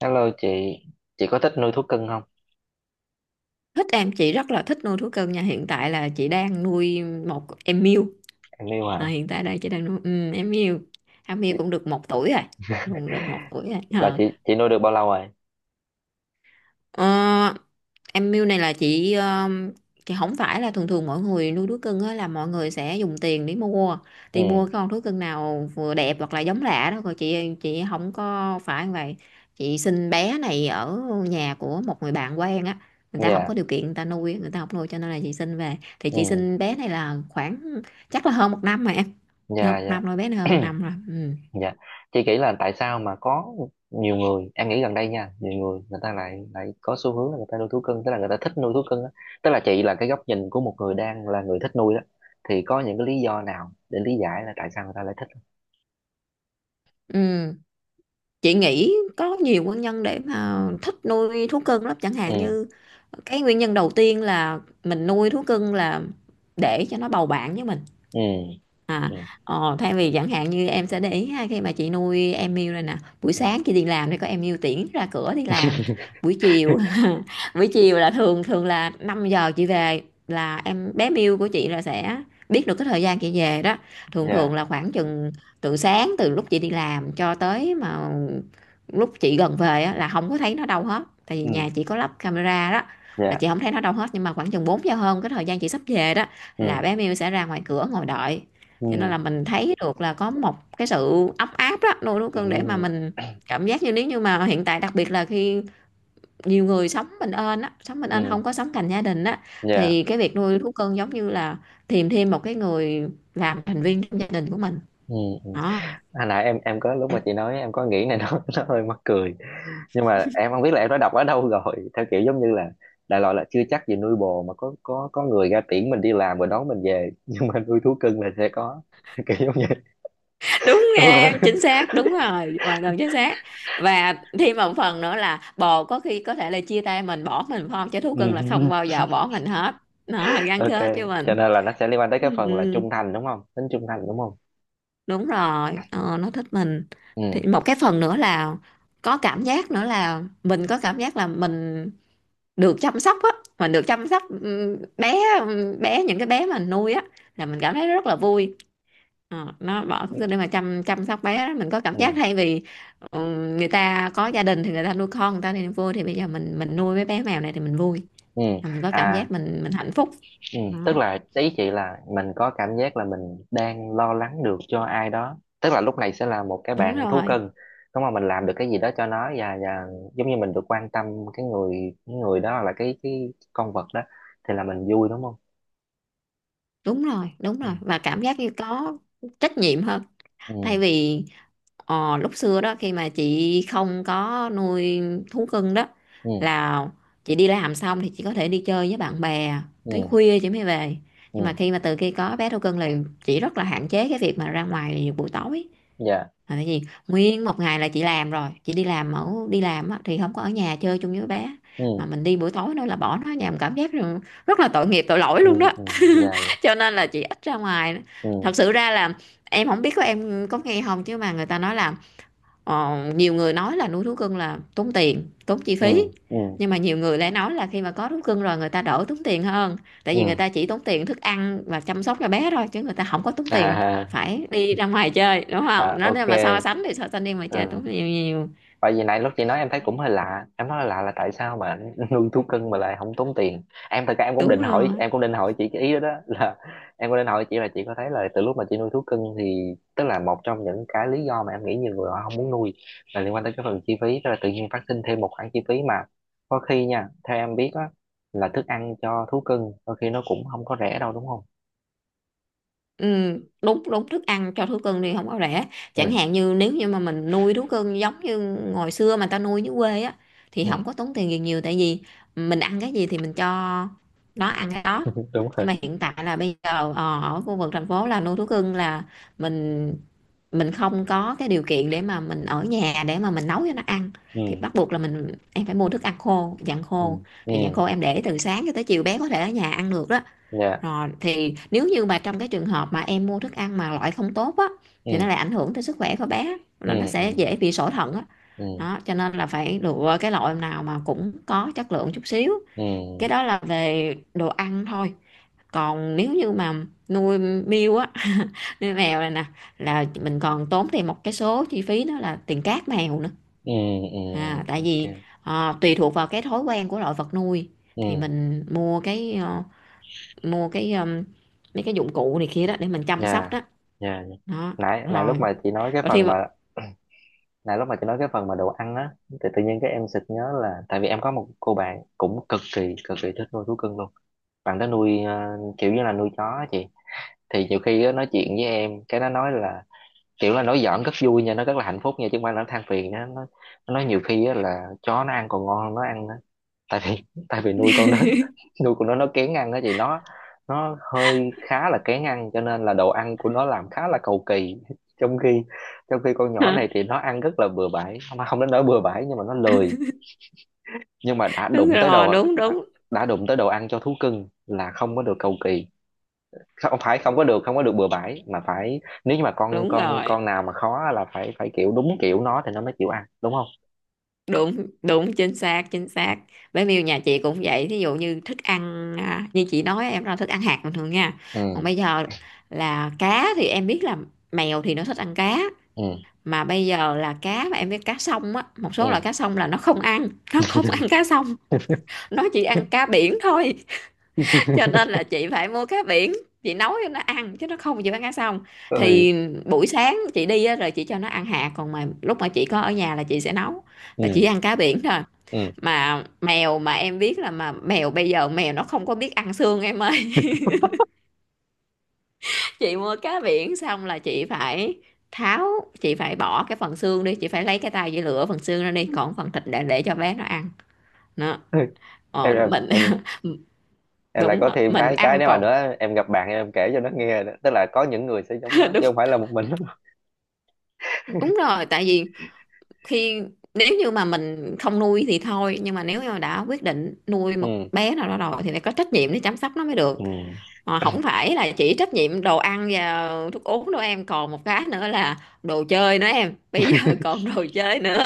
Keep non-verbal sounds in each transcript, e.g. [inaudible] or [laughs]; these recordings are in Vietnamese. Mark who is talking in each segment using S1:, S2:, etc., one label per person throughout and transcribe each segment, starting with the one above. S1: Hello chị có thích nuôi thú cưng không?
S2: Thích em. Chị rất là thích nuôi thú cưng nha. Hiện tại là chị đang nuôi một em miu.
S1: Em yêu
S2: À,
S1: hả?
S2: hiện tại đây chị đang nuôi em miu. Em miu
S1: Chị...
S2: cũng được 1 tuổi rồi.
S1: [laughs]
S2: Cũng được một tuổi rồi.
S1: là
S2: Ờ.
S1: chị chị nuôi được bao lâu rồi?
S2: Ờ, em mưu này là chị không phải là, thường thường mọi người nuôi thú cưng á, là mọi người sẽ dùng tiền để mua,
S1: Ừ,
S2: đi mua cái con thú cưng nào vừa đẹp hoặc là giống lạ đó, rồi chị không có phải như vậy. Chị sinh bé này ở nhà của một người bạn quen á. Người ta không
S1: dạ,
S2: có điều kiện, người ta nuôi, người ta không nuôi, cho nên là chị sinh về, thì chị
S1: ừ,
S2: sinh bé này là khoảng, chắc là hơn 1 năm rồi em. Hơn
S1: dạ,
S2: một
S1: dạ,
S2: năm rồi, bé này hơn một
S1: [clears throat]
S2: năm rồi. Ừ.
S1: dạ. Chị nghĩ là tại sao mà có nhiều người, em nghĩ gần đây nha, nhiều người người ta lại lại có xu hướng là người ta nuôi thú cưng, tức là người ta thích nuôi thú cưng á. Tức là chị là cái góc nhìn của một người đang là người thích nuôi đó, thì có những cái lý do nào để lý giải là tại sao người ta lại thích không?
S2: Ừ. Chị nghĩ có nhiều nguyên nhân để mà thích nuôi thú cưng lắm, chẳng
S1: Ừ.
S2: hạn như, cái nguyên nhân đầu tiên là mình nuôi thú cưng là để cho nó bầu bạn với mình.
S1: Ừ.
S2: À,
S1: Ừ.
S2: thay vì, chẳng hạn như em sẽ để ý ha, khi mà chị nuôi em yêu rồi nè, buổi
S1: Ừ.
S2: sáng chị đi làm thì có em yêu tiễn ra cửa đi làm. Buổi chiều
S1: [laughs]
S2: [laughs] buổi chiều là thường thường là 5 giờ chị về, là em bé Miu của chị là sẽ biết được cái thời gian chị về đó. Thường thường
S1: Dạ.
S2: là khoảng chừng từ sáng, từ lúc chị đi làm cho tới mà lúc chị gần về á, là không có thấy nó đâu hết, tại vì
S1: Ừ.
S2: nhà chị có lắp camera đó. Là
S1: Dạ.
S2: chị không thấy nó đâu hết, nhưng mà khoảng chừng 4 giờ hơn, cái thời gian chị sắp về đó,
S1: Ừ.
S2: là bé Miu sẽ ra ngoài cửa ngồi đợi.
S1: Ừ.
S2: Cho nên là mình thấy được là có một cái sự ấm áp đó, nuôi thú cưng để mà
S1: Ừ.
S2: mình cảm giác như, nếu như mà hiện tại, đặc biệt là khi nhiều người sống bình yên á, sống bình yên
S1: Ừ.
S2: không có sống cạnh gia đình á,
S1: Dạ.
S2: thì cái việc nuôi thú cưng giống như là tìm thêm một cái người làm thành viên trong gia đình của mình
S1: Ừ. Ừ.
S2: đó.
S1: À, nãy em có lúc mà chị
S2: [laughs]
S1: nói em có nghĩ này nó [laughs] nó hơi mắc cười, nhưng mà em không biết là em đã đọc ở đâu rồi, theo kiểu giống như là đại loại là chưa chắc gì nuôi bồ mà có người ra tiễn mình đi làm rồi đón mình về, [laughs] nhưng mà nuôi thú cưng là sẽ có, theo kiểu giống vậy. [laughs]
S2: Đúng,
S1: Đúng rồi.
S2: nghe chính xác, đúng rồi, hoàn toàn chính xác. Và thêm một phần nữa là bồ có khi có thể là chia tay mình, bỏ mình phải không, chứ thú
S1: Ừ.
S2: cưng là không bao giờ bỏ mình hết. Nó
S1: [laughs]
S2: gắn
S1: Ok,
S2: kết với
S1: cho
S2: mình.
S1: nên là nó sẽ liên quan tới
S2: Ừ.
S1: cái phần là
S2: Ừ.
S1: trung thành đúng không, tính trung thành đúng không?
S2: Đúng rồi. Ờ, nó thích mình.
S1: Ừ.
S2: Thì một cái phần nữa là có cảm giác nữa là mình có cảm giác là mình được chăm sóc á, mình được chăm sóc, bé bé những cái bé mà mình nuôi á, là mình cảm thấy rất là vui. Ờ, nó bỏ
S1: Ừ.
S2: cái để mà chăm chăm sóc bé đó, mình có cảm
S1: Ừ.
S2: giác thay vì, ừ, người ta có gia đình thì người ta nuôi con, người ta thì vui, thì bây giờ mình nuôi mấy bé mèo này thì mình vui.
S1: Ừ.
S2: Là mình có cảm
S1: À.
S2: giác mình hạnh phúc.
S1: Ừ. Tức
S2: Đó,
S1: là ý chị là mình có cảm giác là mình đang lo lắng được cho ai đó, tức là lúc này sẽ là một cái
S2: đúng
S1: bạn thú
S2: rồi,
S1: cưng đúng không, mình làm được cái gì đó cho nó, và giống như mình được quan tâm cái người, đó là cái, con vật đó thì là mình vui đúng không.
S2: đúng rồi, đúng
S1: Ừ.
S2: rồi, và cảm giác như có trách nhiệm hơn,
S1: Ừ.
S2: thay vì, Ờ, lúc xưa đó, khi mà chị không có nuôi thú cưng đó,
S1: Ừ.
S2: là chị đi làm xong thì chị có thể đi chơi với bạn bè tới
S1: Ừ.
S2: khuya chị mới về. Nhưng mà
S1: Ừ.
S2: khi mà từ khi có bé thú cưng là chị rất là hạn chế cái việc mà ra ngoài buổi tối.
S1: Dạ.
S2: Là tại vì nguyên một ngày là chị làm rồi, chị đi làm đi làm á, thì không có ở nhà chơi chung với bé.
S1: Ừ.
S2: Mà mình đi buổi tối nữa là bỏ nó ở nhà, mình cảm giác rằng rất là tội nghiệp, tội lỗi
S1: Ừ.
S2: luôn đó.
S1: Ừ. Dạ. Dạ.
S2: [laughs] Cho nên là chị ít ra ngoài.
S1: Ừ.
S2: Thật sự ra là em không biết có em có nghe không, chứ mà người ta nói là, Ờ, nhiều người nói là nuôi thú cưng là tốn tiền, tốn chi
S1: Ừ.
S2: phí.
S1: Ừ.
S2: Nhưng mà nhiều người lại nói là khi mà có thú cưng rồi người ta đỡ tốn tiền hơn. Tại vì người
S1: Ừ.
S2: ta chỉ tốn tiền thức ăn và chăm sóc cho bé thôi, chứ người ta không có tốn tiền
S1: À.
S2: phải đi ra ngoài chơi, đúng
S1: [laughs]
S2: không?
S1: À,
S2: Nó,
S1: ok.
S2: nếu mà so sánh thì so sánh đi ngoài chơi
S1: Ừ.
S2: tốn nhiều nhiều.
S1: Tại vì nãy lúc chị nói em thấy cũng hơi lạ. Em nói lạ là tại sao mà [laughs] nuôi thú cưng mà lại không tốn tiền. Em thật ra em cũng
S2: Đúng
S1: định hỏi.
S2: rồi.
S1: Em cũng định hỏi chị cái ý đó, đó. [laughs] Là em cũng định hỏi chị là chị có thấy là từ lúc mà chị nuôi thú cưng, thì tức là một trong những cái lý do mà em nghĩ nhiều người họ không muốn nuôi là liên quan tới cái phần chi phí. Tức là tự nhiên phát sinh thêm một khoản chi phí mà có khi nha, theo em biết á, là thức ăn cho thú cưng đôi khi nó cũng không có rẻ đâu đúng không.
S2: Ừ, đúng đúng, thức ăn cho thú cưng thì không có rẻ.
S1: Ừ.
S2: Chẳng hạn như nếu như mà mình nuôi thú cưng giống như hồi xưa mà ta nuôi dưới quê á, thì
S1: Ừ.
S2: không có tốn tiền gì nhiều, tại vì mình ăn cái gì thì mình cho nó ăn cái đó.
S1: [laughs] Đúng rồi.
S2: Nhưng mà hiện tại là bây giờ, ở khu vực thành phố là nuôi thú cưng là mình mình không có cái điều kiện để mà mình ở nhà để mà mình nấu cho nó ăn.
S1: Ừ.
S2: Thì bắt buộc là mình, em, phải mua thức ăn khô, dạng
S1: Ừ.
S2: khô.
S1: Ừ.
S2: Thì dạng khô em để từ sáng cho tới chiều, bé có thể ở nhà ăn được đó.
S1: Dạ.
S2: Rồi thì nếu như mà trong cái trường hợp mà em mua thức ăn mà loại không tốt á,
S1: Ừ.
S2: thì nó lại ảnh hưởng tới sức khỏe của bé,
S1: Ừ.
S2: nó
S1: Ừ.
S2: sẽ dễ bị sỏi thận á.
S1: Ừ.
S2: Đó, cho nên là phải lựa cái loại nào mà cũng có chất lượng chút xíu.
S1: Ừ.
S2: Cái
S1: Ừ.
S2: đó là về đồ ăn thôi. Còn nếu như mà nuôi miêu á, [laughs] nuôi mèo này nè, là mình còn tốn thêm một cái số chi phí, đó là tiền cát mèo nữa.
S1: Ừ. Ừ.
S2: À, tại vì,
S1: Ok.
S2: tùy thuộc vào cái thói quen của loại vật nuôi, thì
S1: Ừ.
S2: mình mua cái mua cái mấy cái dụng cụ này kia đó để mình chăm sóc
S1: Nha.
S2: đó.
S1: Nha. Nha.
S2: Đó,
S1: Nãy nãy lúc
S2: rồi
S1: mà chị nói cái
S2: và
S1: phần
S2: thêm một
S1: mà [clears throat] nãy lúc mà chị nói cái phần mà đồ ăn á, thì tự nhiên cái em sực nhớ là tại vì em có một cô bạn cũng cực kỳ thích nuôi thú cưng luôn. Bạn đó nuôi kiểu như là nuôi chó á chị, thì nhiều khi á, nói chuyện với em cái nó nói là, kiểu là nói giỡn rất vui nha, nó rất là hạnh phúc nha, chứ không phải là nó than phiền nha. Nó nói nhiều khi á, là chó nó ăn còn ngon hơn nó ăn, tại vì, nuôi con đó, [laughs] nuôi con nó, kén ăn đó chị. Nó, hơi, khá là kén ăn, cho nên là đồ ăn của nó làm khá là cầu kỳ. Trong khi, con nhỏ này
S2: [laughs]
S1: thì nó ăn rất là bừa bãi, không, không đến nỗi bừa bãi nhưng mà nó lười, nhưng mà
S2: đúng rồi, đúng đúng,
S1: đã đụng tới đồ ăn cho thú cưng là không có được cầu kỳ. Không phải, không có được, bừa bãi, mà phải, nếu như mà con
S2: đúng
S1: con
S2: rồi,
S1: con nào mà khó là phải, kiểu đúng kiểu nó thì nó mới chịu ăn đúng không.
S2: đúng đúng, chính xác chính xác. Bé Miu nhà chị cũng vậy, thí dụ như thức ăn à, như chị nói em là thức ăn hạt bình thường nha. Còn
S1: Ừ.
S2: bây giờ là cá, thì em biết là mèo thì nó thích ăn cá.
S1: Ừ.
S2: Mà bây giờ là cá mà em biết cá sông á, một
S1: Ừ.
S2: số loại cá sông là nó không ăn, nó không ăn cá sông. Nó chỉ ăn cá biển thôi. Cho nên là chị phải mua cá biển, chị nấu cho nó ăn, chứ nó không chịu ăn cá xong.
S1: Ừ.
S2: Thì buổi sáng chị đi á, rồi chị cho nó ăn hạt, còn mà lúc mà chị có ở nhà là chị sẽ nấu, là chỉ
S1: Ừ.
S2: ăn cá biển thôi. Mà mèo, mà em biết là, mà mèo bây giờ, mèo nó không có biết ăn xương em ơi. [laughs] Chị mua cá biển xong là chị phải tháo, chị phải bỏ cái phần xương đi, chị phải lấy cái tay chị lựa phần xương ra đi, còn phần thịt để cho bé nó ăn. Nó
S1: Ừ. em em
S2: mình
S1: em
S2: [laughs]
S1: em lại
S2: đúng
S1: có
S2: rồi,
S1: thêm
S2: mình
S1: cái,
S2: ăn
S1: nếu mà
S2: còn
S1: nữa, em gặp bạn em kể cho nó nghe nữa. Tức là có những người sẽ giống
S2: [laughs]
S1: nó
S2: đúng,
S1: chứ không phải là một mình [laughs] nó.
S2: đúng rồi tại vì khi, nếu như mà mình không nuôi thì thôi, nhưng mà nếu như mà đã quyết định nuôi một
S1: Ừ.
S2: bé nào đó rồi thì phải có trách nhiệm để chăm sóc nó mới được.
S1: Ừ.
S2: Mà không phải là chỉ trách nhiệm đồ ăn và thuốc uống đâu em, còn một cái nữa là đồ chơi nữa em, bây giờ [laughs] còn đồ chơi nữa.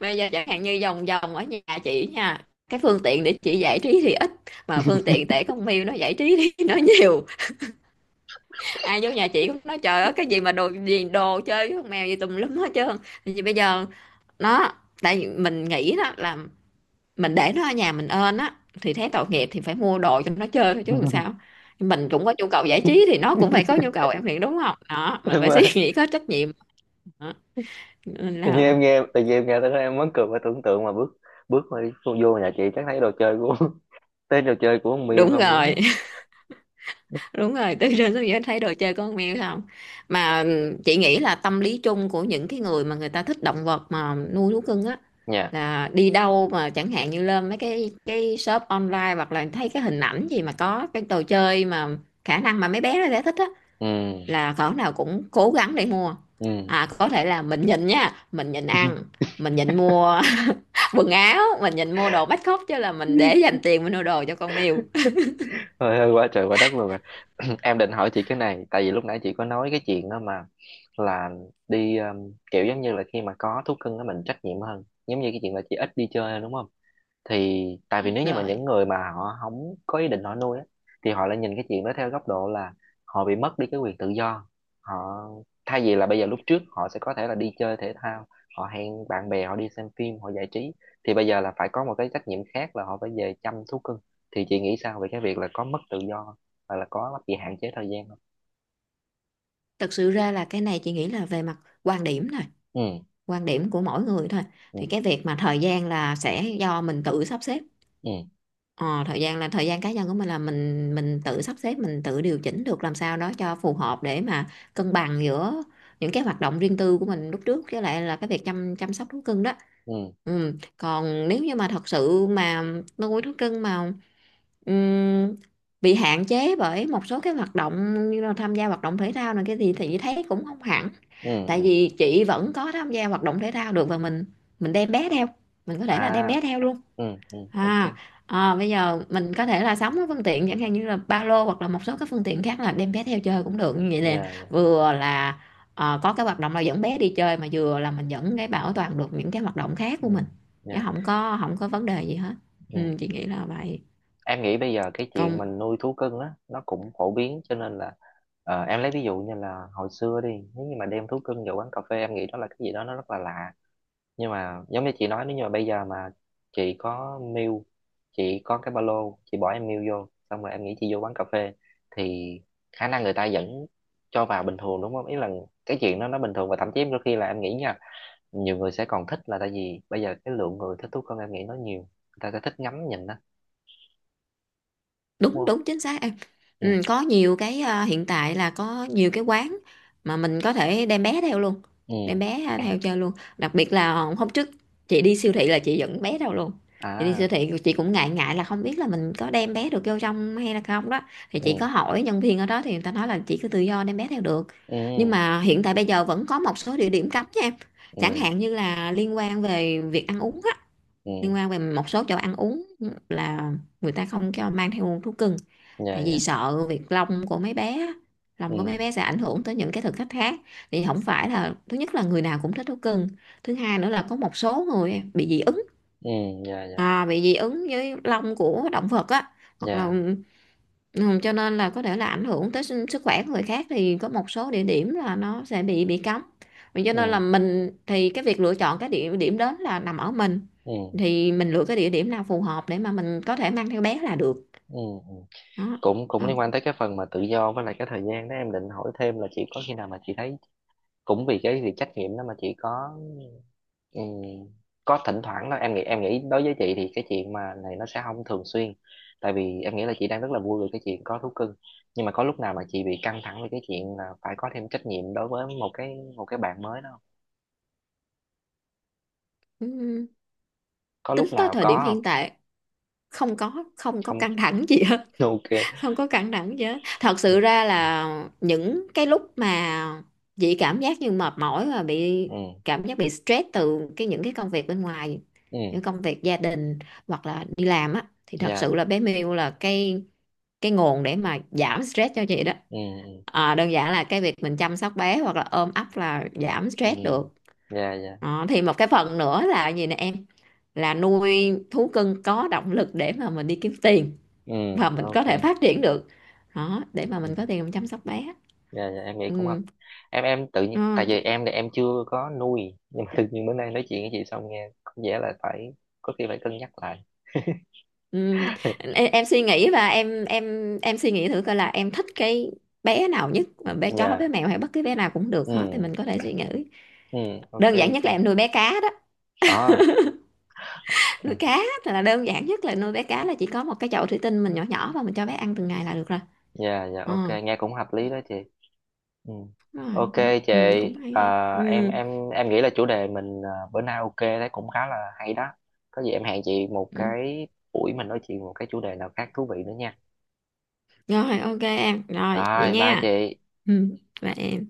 S2: Bây giờ chẳng hạn như vòng vòng ở nhà chị nha, cái phương tiện để chị giải trí thì ít, mà phương tiện để con mèo nó giải trí [laughs] thì nó nhiều. Ai vô nhà chị cũng nói trời ơi, cái gì mà đồ gì, đồ chơi với con mèo gì tùm lum hết trơn. Thì bây giờ nó, tại vì mình nghĩ đó là, mình để nó ở nhà mình ơn á, thì thấy tội nghiệp thì phải mua đồ cho nó chơi thôi chứ làm sao.
S1: [laughs]
S2: Nhưng mình cũng có nhu cầu giải trí thì nó cũng phải có nhu cầu, em nghĩ đúng không, đó mình
S1: Đúng
S2: phải [laughs] suy
S1: rồi.
S2: nghĩ có trách nhiệm. Đó. Nên
S1: Tự nhiên
S2: là
S1: em nghe, tới đó em muốn cười và tưởng tượng mà bước bước mà đi vô vô nhà chị chắc thấy đồ chơi của, [laughs] thấy đồ chơi của con Miu
S2: đúng
S1: không
S2: rồi.
S1: luôn á.
S2: Đúng rồi, từ trên xuống dưới thấy đồ chơi con mèo không. Mà chị nghĩ là tâm lý chung của những người mà người ta thích động vật mà nuôi thú cưng á,
S1: Nha.
S2: là đi đâu mà chẳng hạn như lên mấy cái shop online hoặc là thấy cái hình ảnh gì mà có cái đồ chơi mà khả năng mà mấy bé nó sẽ thích á,
S1: Ừ.
S2: là cỡ nào cũng cố gắng để mua.
S1: Ừ.
S2: À, có thể là mình nhịn nha, mình nhịn ăn, mình nhịn mua [laughs] quần áo, mình nhịn mua đồ bắt khóc chứ là mình để dành
S1: [laughs]
S2: tiền mình mua đồ cho con mèo.
S1: Thôi, hơi quá trời quá đất luôn rồi. [clears throat] Em định hỏi chị cái này, tại vì lúc nãy chị có nói cái chuyện đó mà, là đi, kiểu giống như là khi mà có thú cưng đó mình trách nhiệm hơn, giống như cái chuyện là chị ít đi chơi đúng không, thì tại vì
S2: [laughs]
S1: nếu như mà những
S2: Rồi,
S1: người mà họ không có ý định họ nuôi á, thì họ lại nhìn cái chuyện đó theo góc độ là họ bị mất đi cái quyền tự do. Họ, thay vì là bây giờ, lúc trước họ sẽ có thể là đi chơi thể thao, họ hẹn bạn bè, họ đi xem phim, họ giải trí, thì bây giờ là phải có một cái trách nhiệm khác là họ phải về chăm thú cưng. Thì chị nghĩ sao về cái việc là có mất tự do không, hoặc là có bị hạn chế thời gian không?
S2: thực sự ra là cái này chị nghĩ là về mặt quan điểm thôi,
S1: Ừ.
S2: quan điểm của mỗi người thôi.
S1: Ừ.
S2: Thì cái việc mà thời gian là sẽ do mình tự sắp xếp.
S1: Ừ.
S2: Ờ, thời gian là thời gian cá nhân của mình là mình tự sắp xếp, mình tự điều chỉnh được làm sao đó cho phù hợp để mà cân bằng giữa những cái hoạt động riêng tư của mình lúc trước với lại là cái việc chăm chăm sóc thú cưng đó.
S1: Ừ.
S2: Ừ. Còn nếu như mà thật sự mà nuôi thú cưng mà Ừm, bị hạn chế bởi một số cái hoạt động như là tham gia hoạt động thể thao này cái gì thì chị thấy cũng không hẳn,
S1: Ừ.
S2: tại
S1: Ừ.
S2: vì chị vẫn có tham gia hoạt động thể thao được và mình đem bé theo, mình có thể
S1: À.
S2: là đem bé theo luôn.
S1: Ừ. Ừ. Ok.
S2: À, à bây giờ mình có thể là sắm cái phương tiện chẳng hạn như là ba lô hoặc là một số cái phương tiện khác là đem bé theo chơi cũng được như vậy nè,
S1: Dạ. Dạ.
S2: vừa là ờ, có cái hoạt động là dẫn bé đi chơi mà vừa là mình vẫn cái bảo toàn được những cái hoạt động khác của
S1: Ừ.
S2: mình, chứ
S1: Dạ.
S2: không có vấn đề gì hết. Ừ, chị nghĩ là vậy.
S1: Em nghĩ bây giờ cái chuyện
S2: Còn
S1: mình nuôi thú cưng á nó cũng phổ biến, cho nên là, ờ, em lấy ví dụ như là hồi xưa đi, nếu như mà đem thú cưng vào quán cà phê, em nghĩ đó là cái gì đó nó rất là lạ. Nhưng mà giống như chị nói, nếu như mà bây giờ mà chị có mail, chị có cái ba lô chị bỏ em mail vô xong rồi, em nghĩ chị vô quán cà phê thì khả năng người ta vẫn cho vào bình thường đúng không. Ý là cái chuyện đó nó bình thường, và thậm chí đôi khi là em nghĩ nha, nhiều người sẽ còn thích, là tại vì bây giờ cái lượng người thích thú cưng em nghĩ nó nhiều, người ta sẽ thích ngắm nhìn đó đúng
S2: đúng
S1: không.
S2: đúng chính xác em.
S1: Ừ.
S2: Ừ, có nhiều cái à, hiện tại là có nhiều cái quán mà mình có thể đem bé theo luôn, đem
S1: Ừ.
S2: bé à, theo chơi luôn. Đặc biệt là hôm trước chị đi siêu thị là chị dẫn bé theo luôn. Chị đi
S1: À.
S2: siêu thị chị cũng ngại ngại là không biết là mình có đem bé được vô trong hay là không đó, thì chị có
S1: Ừ.
S2: hỏi nhân viên ở đó thì người ta nói là chị cứ tự do đem bé theo được.
S1: Ừ.
S2: Nhưng mà hiện tại bây giờ vẫn có một số địa điểm cấm nha em, chẳng
S1: Ừ.
S2: hạn như là liên quan về việc ăn uống á,
S1: Ừ.
S2: liên quan về một số chỗ ăn uống là người ta không cho mang theo thú cưng,
S1: Dạ.
S2: tại vì
S1: Dạ.
S2: sợ việc lông của mấy bé á, lông của mấy
S1: Ừ.
S2: bé sẽ ảnh hưởng tới những cái thực khách khác. Thì không phải là, thứ nhất là người nào cũng thích thú cưng, thứ hai nữa là có một số người bị dị ứng,
S1: Ừ. Dạ. Dạ.
S2: à, bị dị ứng với lông của động vật á, hoặc là
S1: Dạ.
S2: ừ, cho nên là có thể là ảnh hưởng tới sức sức khỏe của người khác, thì có một số địa điểm là nó sẽ bị cấm. Vì cho nên
S1: Ừ.
S2: là mình thì cái việc lựa chọn cái địa điểm đến là nằm ở mình,
S1: Ừ.
S2: thì mình lựa cái địa điểm nào phù hợp để mà mình có thể mang theo bé là được
S1: Ừ. Ừ.
S2: đó.
S1: Cũng,
S2: À,
S1: liên quan tới cái phần mà tự do với lại cái thời gian đó, em định hỏi thêm là chị có khi nào mà chị thấy cũng vì cái việc trách nhiệm đó mà chị có, ừ, có thỉnh thoảng đó. Em nghĩ, em nghĩ đối với chị thì cái chuyện mà này nó sẽ không thường xuyên, tại vì em nghĩ là chị đang rất là vui về cái chuyện có thú cưng, nhưng mà có lúc nào mà chị bị căng thẳng về cái chuyện là phải có thêm trách nhiệm đối với một cái, một cái bạn mới đó?
S2: ừ.
S1: Có
S2: Tính
S1: lúc
S2: tới
S1: nào
S2: thời điểm
S1: có?
S2: hiện tại không có
S1: Không.
S2: căng thẳng gì hết.
S1: Không. [laughs] Ok.
S2: [laughs] Không có căng thẳng gì hết, thật sự
S1: Ừ.
S2: ra là những cái lúc mà chị cảm giác như mệt mỏi và bị
S1: Ừ.
S2: cảm giác bị stress từ cái những cái công việc bên ngoài,
S1: Ừ.
S2: những công việc gia đình hoặc là đi làm á, thì thật
S1: Dạ.
S2: sự là bé Miu là cái nguồn để mà giảm stress cho chị đó.
S1: Ừ. Ừ.
S2: À, đơn giản là cái việc mình chăm sóc bé hoặc là ôm ấp là giảm
S1: Ừ.
S2: stress được
S1: Dạ. Dạ.
S2: đó. Thì một cái phần nữa là gì nè em, là nuôi thú cưng có động lực để mà mình đi kiếm tiền
S1: Ừ.
S2: và mình có
S1: Ok.
S2: thể phát triển được đó, để mà
S1: Ừ.
S2: mình có tiền mình chăm sóc bé.
S1: Dạ. Dạ, em nghĩ cũng hợp.
S2: Ừ.
S1: Em, tự
S2: Ừ.
S1: nhiên, tại vì em thì em chưa có nuôi, nhưng mà tự nhiên bữa nay nói chuyện với chị xong nghe có vẻ là phải, có khi phải cân nhắc lại. [laughs]
S2: Ừ. Em suy nghĩ và em suy nghĩ thử coi là em thích cái bé nào nhất, mà bé chó bé
S1: Dạ.
S2: mèo hay bất cứ bé nào cũng được hết thì
S1: Ừ.
S2: mình có thể suy nghĩ.
S1: Ừ. Ok.
S2: Đơn giản nhất
S1: Chị.
S2: là em nuôi bé cá đó.
S1: Ờ.
S2: [laughs] Nuôi
S1: Ừ.
S2: cá thì là đơn giản nhất, là nuôi bé cá là chỉ có một cái chậu thủy tinh mình nhỏ nhỏ và mình cho bé ăn từng ngày là được rồi.
S1: Dạ. Dạ,
S2: Ờ,
S1: ok, nghe cũng hợp lý đó chị. Ừ.
S2: đúng rồi
S1: Ok.
S2: đó.
S1: Chị.
S2: Ừ, cũng hay hay.
S1: à, em
S2: Ừ.
S1: em em nghĩ là chủ đề mình bữa nay ok, thấy cũng khá là hay đó. Có gì em hẹn chị một
S2: Ừ.
S1: cái buổi mình nói chuyện một cái chủ đề nào khác thú vị nữa nha.
S2: Rồi, ok em, rồi vậy
S1: Rồi bye
S2: nha.
S1: chị.
S2: Ừ. Và em